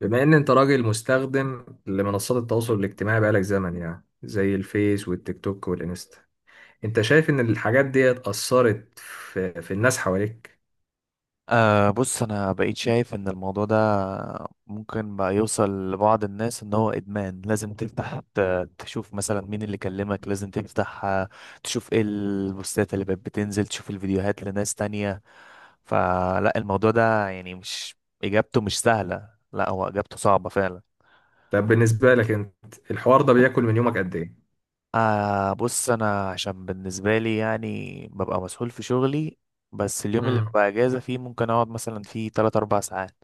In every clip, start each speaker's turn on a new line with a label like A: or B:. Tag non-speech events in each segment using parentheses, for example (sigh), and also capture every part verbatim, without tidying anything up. A: بما ان انت راجل مستخدم لمنصات التواصل الاجتماعي بقالك زمن، يعني زي الفيس والتيك توك والانستا. انت شايف ان الحاجات دي اثرت في, في الناس حواليك؟
B: أه، بص انا بقيت شايف ان الموضوع ده ممكن بقى يوصل لبعض الناس ان هو ادمان. لازم تفتح، ت- تشوف مثلا مين اللي كلمك، لازم تفتح آه، تشوف ايه البوستات اللي بقت بتنزل، تشوف الفيديوهات لناس تانية. فلا الموضوع ده يعني مش اجابته مش سهلة، لا هو اجابته صعبة فعلا.
A: طب بالنسبة لك انت، الحوار ده بياكل من يومك قد ايه؟
B: أه، بص انا عشان بالنسبة لي يعني ببقى مسؤول في شغلي، بس اليوم اللي
A: امم
B: ببقى اجازة فيه ممكن اقعد مثلا فيه ثلاث أربع ساعات.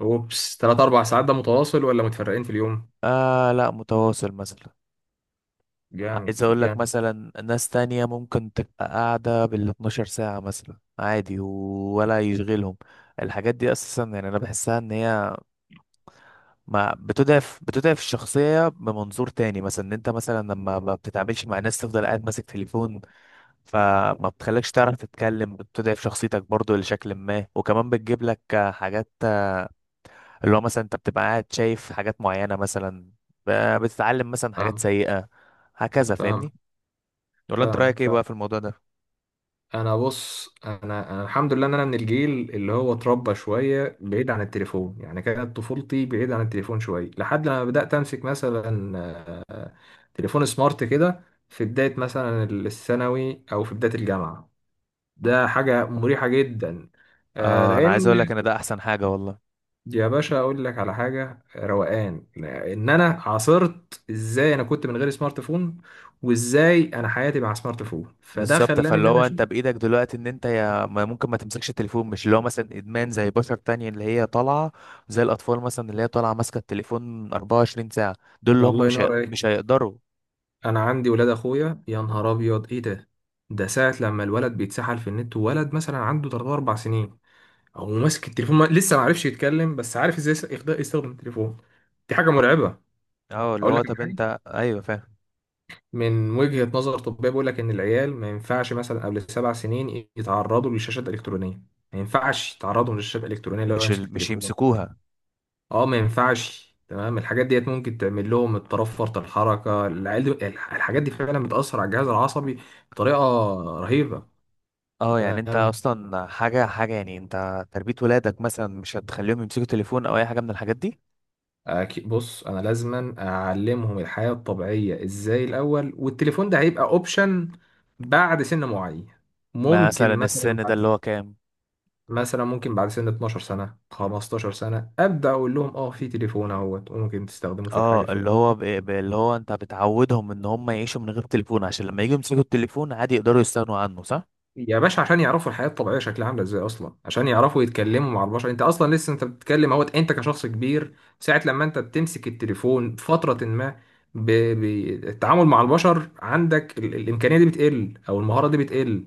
A: اوبس، تلاتة أربعة ساعات، ده متواصل ولا متفرقين في اليوم؟
B: آه، لا متواصل مثلا. عايز
A: جامد
B: اقول لك
A: جامد.
B: مثلا ناس تانية ممكن تبقى قاعدة بال اثنتي عشرة ساعة مثلا عادي و- ولا يشغلهم. الحاجات دي اساسا يعني انا بحسها ان هي ما بتضعف، بتضعف الشخصية بمنظور تاني، مثلا ان انت مثلا لما ما بتتعاملش مع ناس تفضل قاعد ماسك تليفون، فما بتخليكش تعرف تتكلم، بتضعف شخصيتك برضو لشكل ما، وكمان بتجيب لك حاجات اللي هو مثلا انت بتبقى قاعد شايف حاجات معينة، مثلا ب- بتتعلم مثلا حاجات
A: فاهم.
B: سيئة. هكذا
A: فاهم.
B: فاهمني؟ ولا انت
A: فاهمك،
B: رأيك ايه
A: فاهم.
B: بقى في الموضوع ده؟
A: انا، بص، انا، انا الحمد لله ان انا من الجيل اللي هو اتربى شويه بعيد عن التليفون، يعني كانت طفولتي بعيد عن التليفون شويه لحد لما بدات امسك مثلا تليفون سمارت كده في بداية مثلا الثانوي أو في بداية الجامعة. ده حاجة مريحة جدا. آه،
B: اه، انا عايز
A: لأن...
B: اقول لك ان ده احسن حاجه والله.
A: يا باشا أقول لك على حاجة، آه، روقان إن أنا عاصرت إزاي أنا كنت من غير سمارت فون وإزاي أنا حياتي مع سمارت فون. فده
B: بالظبط،
A: خلاني إن
B: فاللي
A: أنا
B: هو
A: أشوف.
B: انت بايدك دلوقتي ان انت يا ما ممكن ما تمسكش التليفون، مش اللي هو مثلا ادمان زي بشر تانية اللي هي طالعه، زي الاطفال مثلا اللي هي طالعه ماسكه التليفون أربعة وعشرين ساعه. دول اللي هم
A: الله
B: مش هي-
A: ينور عليك.
B: مش هيقدروا.
A: أنا عندي ولاد أخويا، يا نهار أبيض إيه ده! ده ساعة لما الولد بيتسحل في النت، وولد مثلا عنده ثلاث أربع سنين هو ماسك التليفون، ما... لسه ما عرفش يتكلم بس عارف ازاي يس- يخد- يستخدم التليفون. دي حاجه مرعبه.
B: اه اللي
A: اقول
B: هو
A: لك على
B: طب
A: حاجه،
B: انت، ايوه فاهم.
A: من وجهه نظر طبيه بيقول لك ان العيال ما ينفعش مثلا قبل سبع سنين يتعرضوا للشاشات الالكترونيه. ما ينفعش يتعرضوا للشاشات الالكترونيه لو
B: مش
A: يمسك
B: ال... مش
A: التليفون.
B: يمسكوها.
A: اه ما ينفعش، تمام. الحاجات ديت ممكن تعمل لهم اضطراب فرط الحركه. العيال دي الح- الحاجات دي فعلا بتاثر على الجهاز العصبي بطريقه رهيبه.
B: اه يعني انت
A: تمام.
B: اصلا، حاجه حاجه، يعني انت تربيه ولادك مثلا مش هتخليهم يمسكوا تليفون او اي حاجه من الحاجات دي.
A: أكي- بص انا لازما اعلمهم الحياة الطبيعية ازاي الاول، والتليفون ده هيبقى اوبشن بعد سن معين.
B: مثلا
A: ممكن مثلا
B: السن ده
A: بعد،
B: اللي هو كام؟
A: مثلا ممكن بعد سن 12 سنة 15 سنة ابدا اقول لهم اه في تليفون اهوت وممكن تستخدمه في الحاجة
B: اه اللي
A: الفلانية.
B: هو ب... ب- اللي هو انت بتعودهم ان هم يعيشوا من غير تليفون عشان لما يجوا يمسكوا التليفون عادي يقدروا يستغنوا عنه، صح؟
A: يا باشا، عشان يعرفوا الحياة الطبيعية شكلها عاملة ازاي أصلا، عشان يعرفوا يتكلموا مع البشر. أنت أصلا لسه أنت بتتكلم أهوت، أنت كشخص كبير ساعة لما أنت بتمسك التليفون فترة ما، ب- ب- التعامل مع البشر عندك ال- الإمكانية دي بتقل أو المهارة دي بتقل.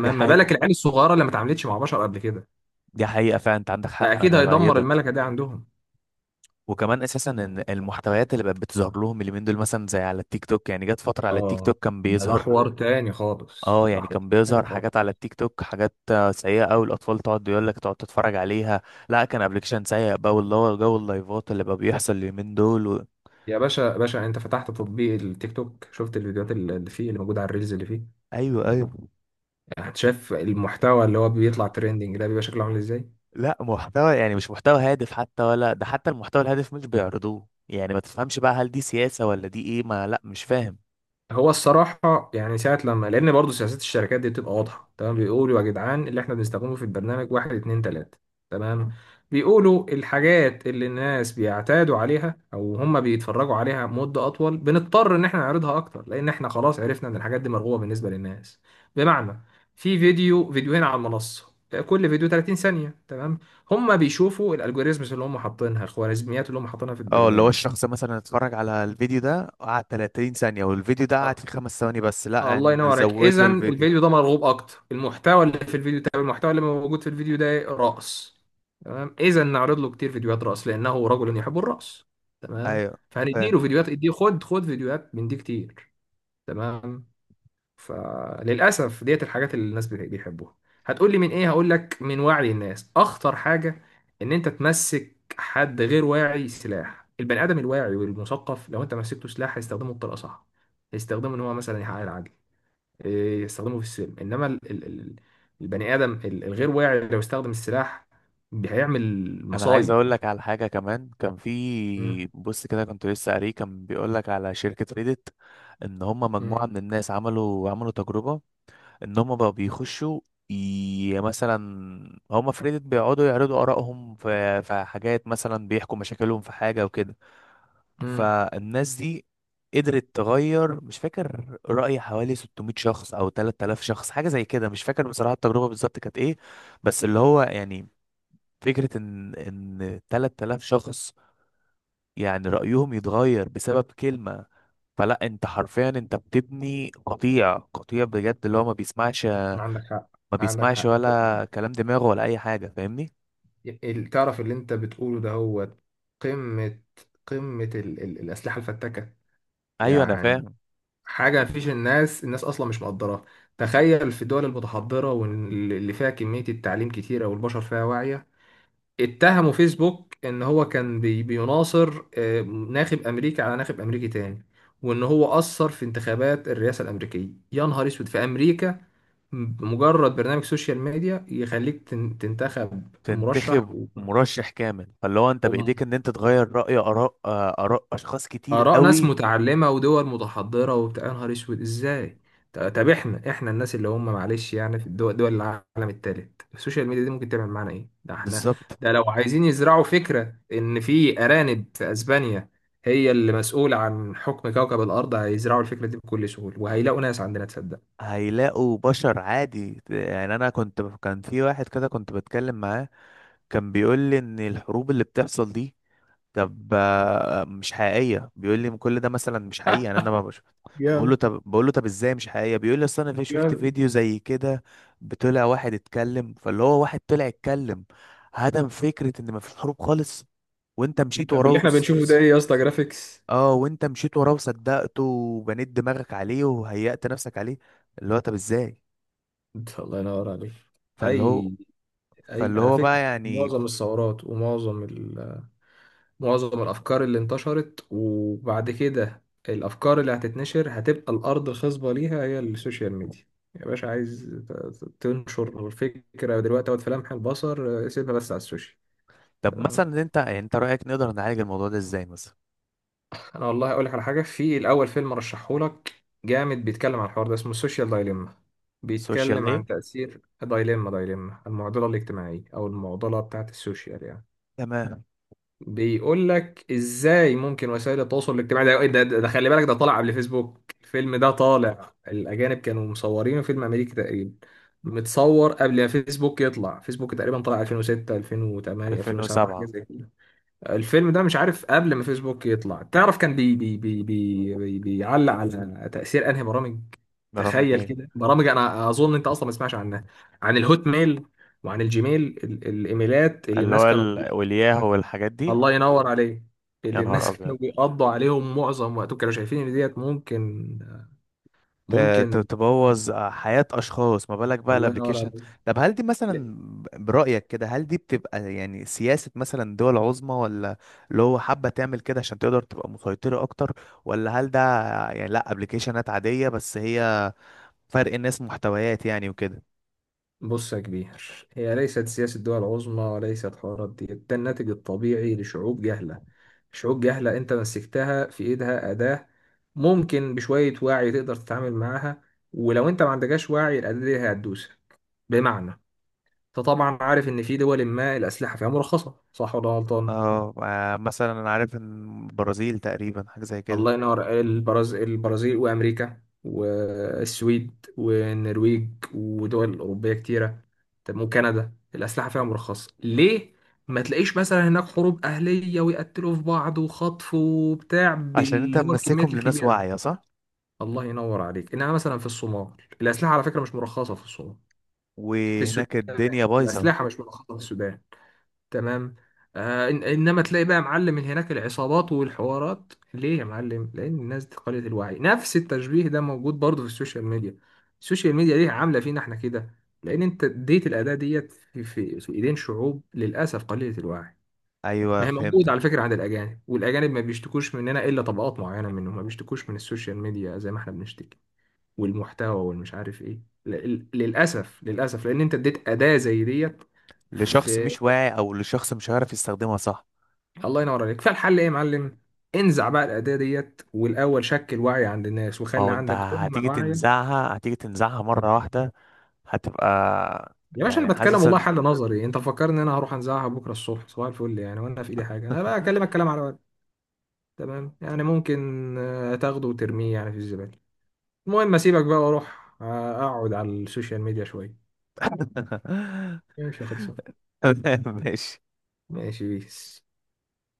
B: دي
A: ما بالك
B: حقيقة،
A: العيال الصغيرة اللي ما اتعاملتش مع بشر قبل كده؟
B: دي حقيقة فعلا، انت عندك حق،
A: ده أكيد
B: انا
A: هيدمر
B: بأيدك.
A: الملكة دي عندهم.
B: وكمان اساسا ان المحتويات اللي بقت بتظهر لهم اليومين دول، مثلا زي على التيك توك، يعني جت فترة على التيك
A: آه.
B: توك كان
A: ده ده
B: بيظهر.
A: حوار تاني خالص،
B: اه
A: ده
B: يعني
A: حوار
B: كان
A: تاني
B: بيظهر
A: خالص.
B: حاجات على التيك توك، حاجات آه، سيئة أوي، الأطفال تقعد يقول لك تقعد تتفرج عليها. لا كان ابلكيشن سيء بقى، واللي هو جو اللايفات اللي بقى بيحصل اليومين دول و...
A: يا باشا باشا، أنت فتحت تطبيق التيك توك، شفت الفيديوهات اللي فيه، اللي موجودة على الريلز اللي فيه؟
B: ايوه، ايوه.
A: يعني انت شايف المحتوى اللي هو بيطلع تريندنج ده بيبقى شكله عامل ازاي؟
B: لا محتوى يعني مش محتوى هادف حتى، ولا ده حتى المحتوى الهادف مش بيعرضوه، يعني ما تفهمش بقى هل دي سياسة ولا دي ايه، ما لا مش فاهم.
A: هو الصراحة يعني ساعة لما، لأن برضه سياسات الشركات دي بتبقى واضحة. تمام؟ بيقولوا يا جدعان اللي احنا بنستخدمه في البرنامج واحد اتنين تلاتة. تمام؟ بيقولوا الحاجات اللي الناس بيعتادوا عليها أو هم بيتفرجوا عليها مدة أطول بنضطر إن احنا نعرضها أكتر، لأن احنا خلاص عرفنا إن الحاجات دي مرغوبة بالنسبة للناس. بمعنى، في فيديو فيديوهين على المنصة، كل فيديو 30 ثانية، تمام؟ هم بيشوفوا الالجوريزمز اللي هم حاطينها، الخوارزميات اللي هم حاطينها في
B: اه اللي هو
A: البرنامج.
B: الشخص مثلا اتفرج على الفيديو ده قعد ثلاثين ثانية، والفيديو ده قعد
A: آه،
B: فيه خمس ثواني بس،
A: آه،
B: لا
A: الله ينور عليك.
B: نزود له
A: اذا
B: الفيديو.
A: الفيديو ده مرغوب اكتر، المحتوى اللي في الفيديو، طب المحتوى اللي موجود في الفيديو ده إيه؟ رقص. تمام، اذا نعرض له كتير فيديوهات رقص لانه رجل يحب الرقص. تمام.
B: ايوه فاهم.
A: فهنديله فيديوهات، اديه خد خد فيديوهات من دي كتير. تمام. فللاسف ديت الحاجات اللي الناس بي- بيحبوها. هتقول لي من ايه؟ هقول لك من وعي الناس. اخطر حاجه ان انت تمسك حد غير واعي سلاح. البني ادم الواعي والمثقف لو انت مسكته سلاح هيستخدمه بطريقه صح، هيستخدمه ان هو مثلا يحقق العدل، إيه، يستخدمه في السلم. انما ال- ال- ال- البني ادم ال- الغير واعي لو استخدم السلاح هيعمل
B: انا عايز
A: مصايب.
B: اقول لك على حاجه كمان، كان
A: مم.
B: في بص كده كنت لسه قاريه، كان بيقول لك على شركه ريدت ان هم مجموعه
A: مم.
B: من الناس عملوا عملوا تجربه، ان هم بقى بيخشوا، ي- مثلا هم في ريدت بيقعدوا يعرضوا ارائهم في في حاجات، مثلا بيحكوا مشاكلهم في حاجه وكده.
A: مم.
B: فالناس دي قدرت تغير، مش فاكر، رأي حوالي ستمائة شخص او تلات آلاف شخص حاجه زي كده، مش فاكر بصراحه التجربه بالظبط كانت ايه. بس اللي هو يعني فكرة ان ان تلات آلاف شخص يعني رأيهم يتغير بسبب كلمة، فلا انت حرفيا انت بتبني قطيع، قطيع بجد اللي هو ما بيسمعش،
A: عندك حق.
B: ما
A: عندك
B: بيسمعش
A: حق.
B: ولا كلام دماغه ولا اي حاجة، فاهمني؟
A: ال- تعرف اللي انت بتقوله ده هو قمة، قمة ال ال الأسلحة الفتاكة.
B: ايوه انا
A: يعني
B: فاهم.
A: حاجة مفيش. الناس، الناس أصلا مش مقدراها. تخيل في الدول المتحضرة واللي فيها كمية التعليم كتيرة والبشر فيها واعية اتهموا فيسبوك ان هو كان بي بيناصر آه، ناخب امريكي على ناخب امريكي تاني، وان هو اثر في انتخابات الرئاسه الامريكيه. يا نهار اسود في امريكا! بمجرد برنامج سوشيال ميديا يخليك تن- تنتخب مرشح
B: تنتخب مرشح كامل، فاللي هو انت
A: و...
B: بايديك ان انت تغير رأي، اراء آه، اراء اشخاص كتير
A: آراء ناس
B: قوي.
A: متعلمة ودول متحضرة وبتاع، يا نهار أسود إزاي؟ ط- طب إحنا، إحنا الناس اللي هم معلش يعني في الدول، دول العالم التالت، السوشيال ميديا دي ممكن تعمل معانا إيه؟ ده إحنا،
B: بالظبط،
A: ده لو عايزين يزرعوا فكرة إن في أرانب في أسبانيا هي اللي مسؤولة عن حكم كوكب الأرض هيزرعوا الفكرة دي بكل سهولة وهيلاقوا ناس عندنا تصدق.
B: هيلاقوا بشر عادي. يعني انا كنت، كان في واحد كده كنت بتكلم معاه، كان بيقول لي ان الحروب اللي بتحصل دي، طب آه، مش حقيقيه، بيقول لي كل ده مثلا مش حقيقي يعني انا ما بشوف. بقول له
A: جامد
B: طب بقول له طب ازاي مش حقيقيه؟ بيقول لي اصل انا في شفت
A: جامد.
B: فيديو زي كده، بطلع واحد اتكلم، فاللي هو واحد طلع اتكلم هدم فكره ان ما فيش حروب خالص، وانت مشيت
A: طب اللي
B: وراه
A: إحنا
B: وس-
A: بنشوفه ده
B: وس-
A: إيه يا اسطى، جرافيكس؟
B: اه، وانت مشيت وراه وصدقته وبنيت دماغك عليه وهيأت نفسك عليه. اللي هو طب ازاي؟
A: الله ينور عليك.
B: فاللي هو،
A: أي، أي
B: فاللي
A: على
B: هو
A: فكرة
B: بقى يعني،
A: معظم الثورات، ومعظم ال معظم الأفكار اللي انتشرت، وبعد كده الأفكار اللي هتتنشر، هتبقى الأرض الخصبة ليها هي السوشيال ميديا. يا باشا عايز ت- ت- تنشر الفكرة دلوقتي أو في لمح البصر، آه، سيبها بس على السوشيال.
B: طب
A: تمام.
B: مثلا انت يعني انت رأيك نقدر نعالج الموضوع ده ازاي مثلا؟
A: أنا والله أقول لك على حاجة في الأول، فيلم رشحهولك جامد بيتكلم عن الحوار ده، اسمه السوشيال دايليما.
B: سوشيال
A: بيتكلم
B: ايه؟
A: عن تأثير دايليما، دايليما المعضلة الاجتماعية أو المعضلة بتاعت السوشيال يعني.
B: تمام.
A: بيقول لك ازاي ممكن وسائل التواصل الاجتماعي ده إيه؟ ده, ده, ده خلي بالك ده طالع قبل فيسبوك، الفيلم ده طالع الاجانب كانوا مصورينه، فيلم امريكي تقريبا، متصور قبل ما فيسبوك يطلع. فيسبوك تقريبا طلع الفين وستة الفين وتمانية الفين وسبعة حاجه
B: ألفين و سبعة؟
A: زي كده. الفيلم ده مش عارف قبل ما فيسبوك يطلع، تعرف كان بي بي بي بي بي بيعلق على تاثير انهي برامج؟
B: برامج
A: تخيل
B: ايه؟
A: كده برامج انا اظن انت اصلا ما تسمعش عنها، عن الهوت ميل وعن الجيميل، ال- الايميلات اللي
B: اللي
A: الناس
B: هو
A: كانوا...
B: ال- والياهو والحاجات دي.
A: الله ينور عليك.
B: يا
A: اللي
B: نهار
A: الناس (laughs)
B: ابيض،
A: كانوا بيقضوا عليهم معظم وقتهم، كانوا شايفين ان ديت ممكن،
B: ت- ت-
A: ممكن.
B: تبوظ حياة اشخاص، ما بالك بقى
A: الله ينور
B: الابليكيشن.
A: عليك.
B: طب هل دي
A: لا،
B: مثلا برأيك كده هل دي بتبقى يعني سياسة مثلا دول عظمى، ولا اللي هو حابة تعمل كده عشان تقدر تبقى مسيطرة اكتر، ولا هل ده يعني لا ابليكيشنات عادية بس هي فرق الناس، محتويات يعني وكده؟
A: بص يا كبير، هي ليست سياسة دول عظمى وليست حوارات. دي ده الناتج الطبيعي لشعوب جهلة. شعوب جهلة انت مسكتها في ايدها أداة ممكن بشوية وعي تقدر تتعامل معاها، ولو انت ما عندكش وعي الأداة دي هتدوسك. بمعنى، انت طبعا عارف ان في دول ما الأسلحة فيها مرخصة، صح ولا غلطان؟
B: اه آه، مثلا انا عارف ان البرازيل تقريبا حاجه زي كده.
A: الله ينور. البرازيل، البرازيل وامريكا والسويد والنرويج ودول اوروبيه كتيره. طب وكندا، الاسلحه فيها مرخصه ليه؟ ما تلاقيش مثلا هناك حروب اهليه ويقتلوا في بعض وخطف وبتاع
B: عشان انت
A: بال هو الكميات
B: ممسكهم لناس
A: الكبيره.
B: واعيه، صح.
A: الله ينور عليك. انها مثلا في الصومال، الاسلحه على فكره مش مرخصه في الصومال. في السودان
B: وهناك الدنيا بايظه.
A: الاسلحه مش مرخصه في السودان. تمام. آه، إن- انما تلاقي بقى معلم هناك العصابات والحوارات ليه يا معلم؟ لان الناس دي قليلة الوعي. نفس التشبيه ده موجود برضه في السوشيال ميديا. السوشيال ميديا ليه عامله فينا احنا كده؟ لان انت اديت الاداه ديت في, في, في ايدين شعوب للاسف قليله الوعي.
B: ايوه
A: ما هي موجودة على
B: فهمتك.
A: فكرة عند الأجانب، والأجانب ما بيشتكوش مننا، إلا طبقات معينة منهم ما بيشتكوش من السوشيال ميديا زي ما احنا بنشتكي، والمحتوى والمش عارف إيه. ل- ل- للأسف، للأسف لأن أنت اديت أداة زي ديت.
B: لشخص مش واعي او لشخص مش هيعرف يستخدمها، صح.
A: الله ينور عليك. فالحل ايه يا معلم؟ انزع بقى الاداه ديت والاول شكل وعي عند الناس
B: ما
A: وخلي
B: هو انت
A: عندك
B: هتيجي
A: امه واعيه.
B: تنزعها، هتيجي تنزعها مره واحده، هتبقى
A: يا باشا انا
B: يعني
A: بتكلم
B: حاسس
A: والله
B: ان
A: حل نظري، انت فكرني ان انا هروح انزعها بكره الصبح صباح الفل، يعني وانا في ايدي حاجه انا بقى اكلمك كلام على ورق. تمام، يعني ممكن آه، تاخده وترميه يعني في الزباله. المهم اسيبك بقى واروح آه، اقعد على السوشيال ميديا شويه.
B: (laughs)
A: ماشي، خلصان.
B: ماشي.
A: ماشي، بيس.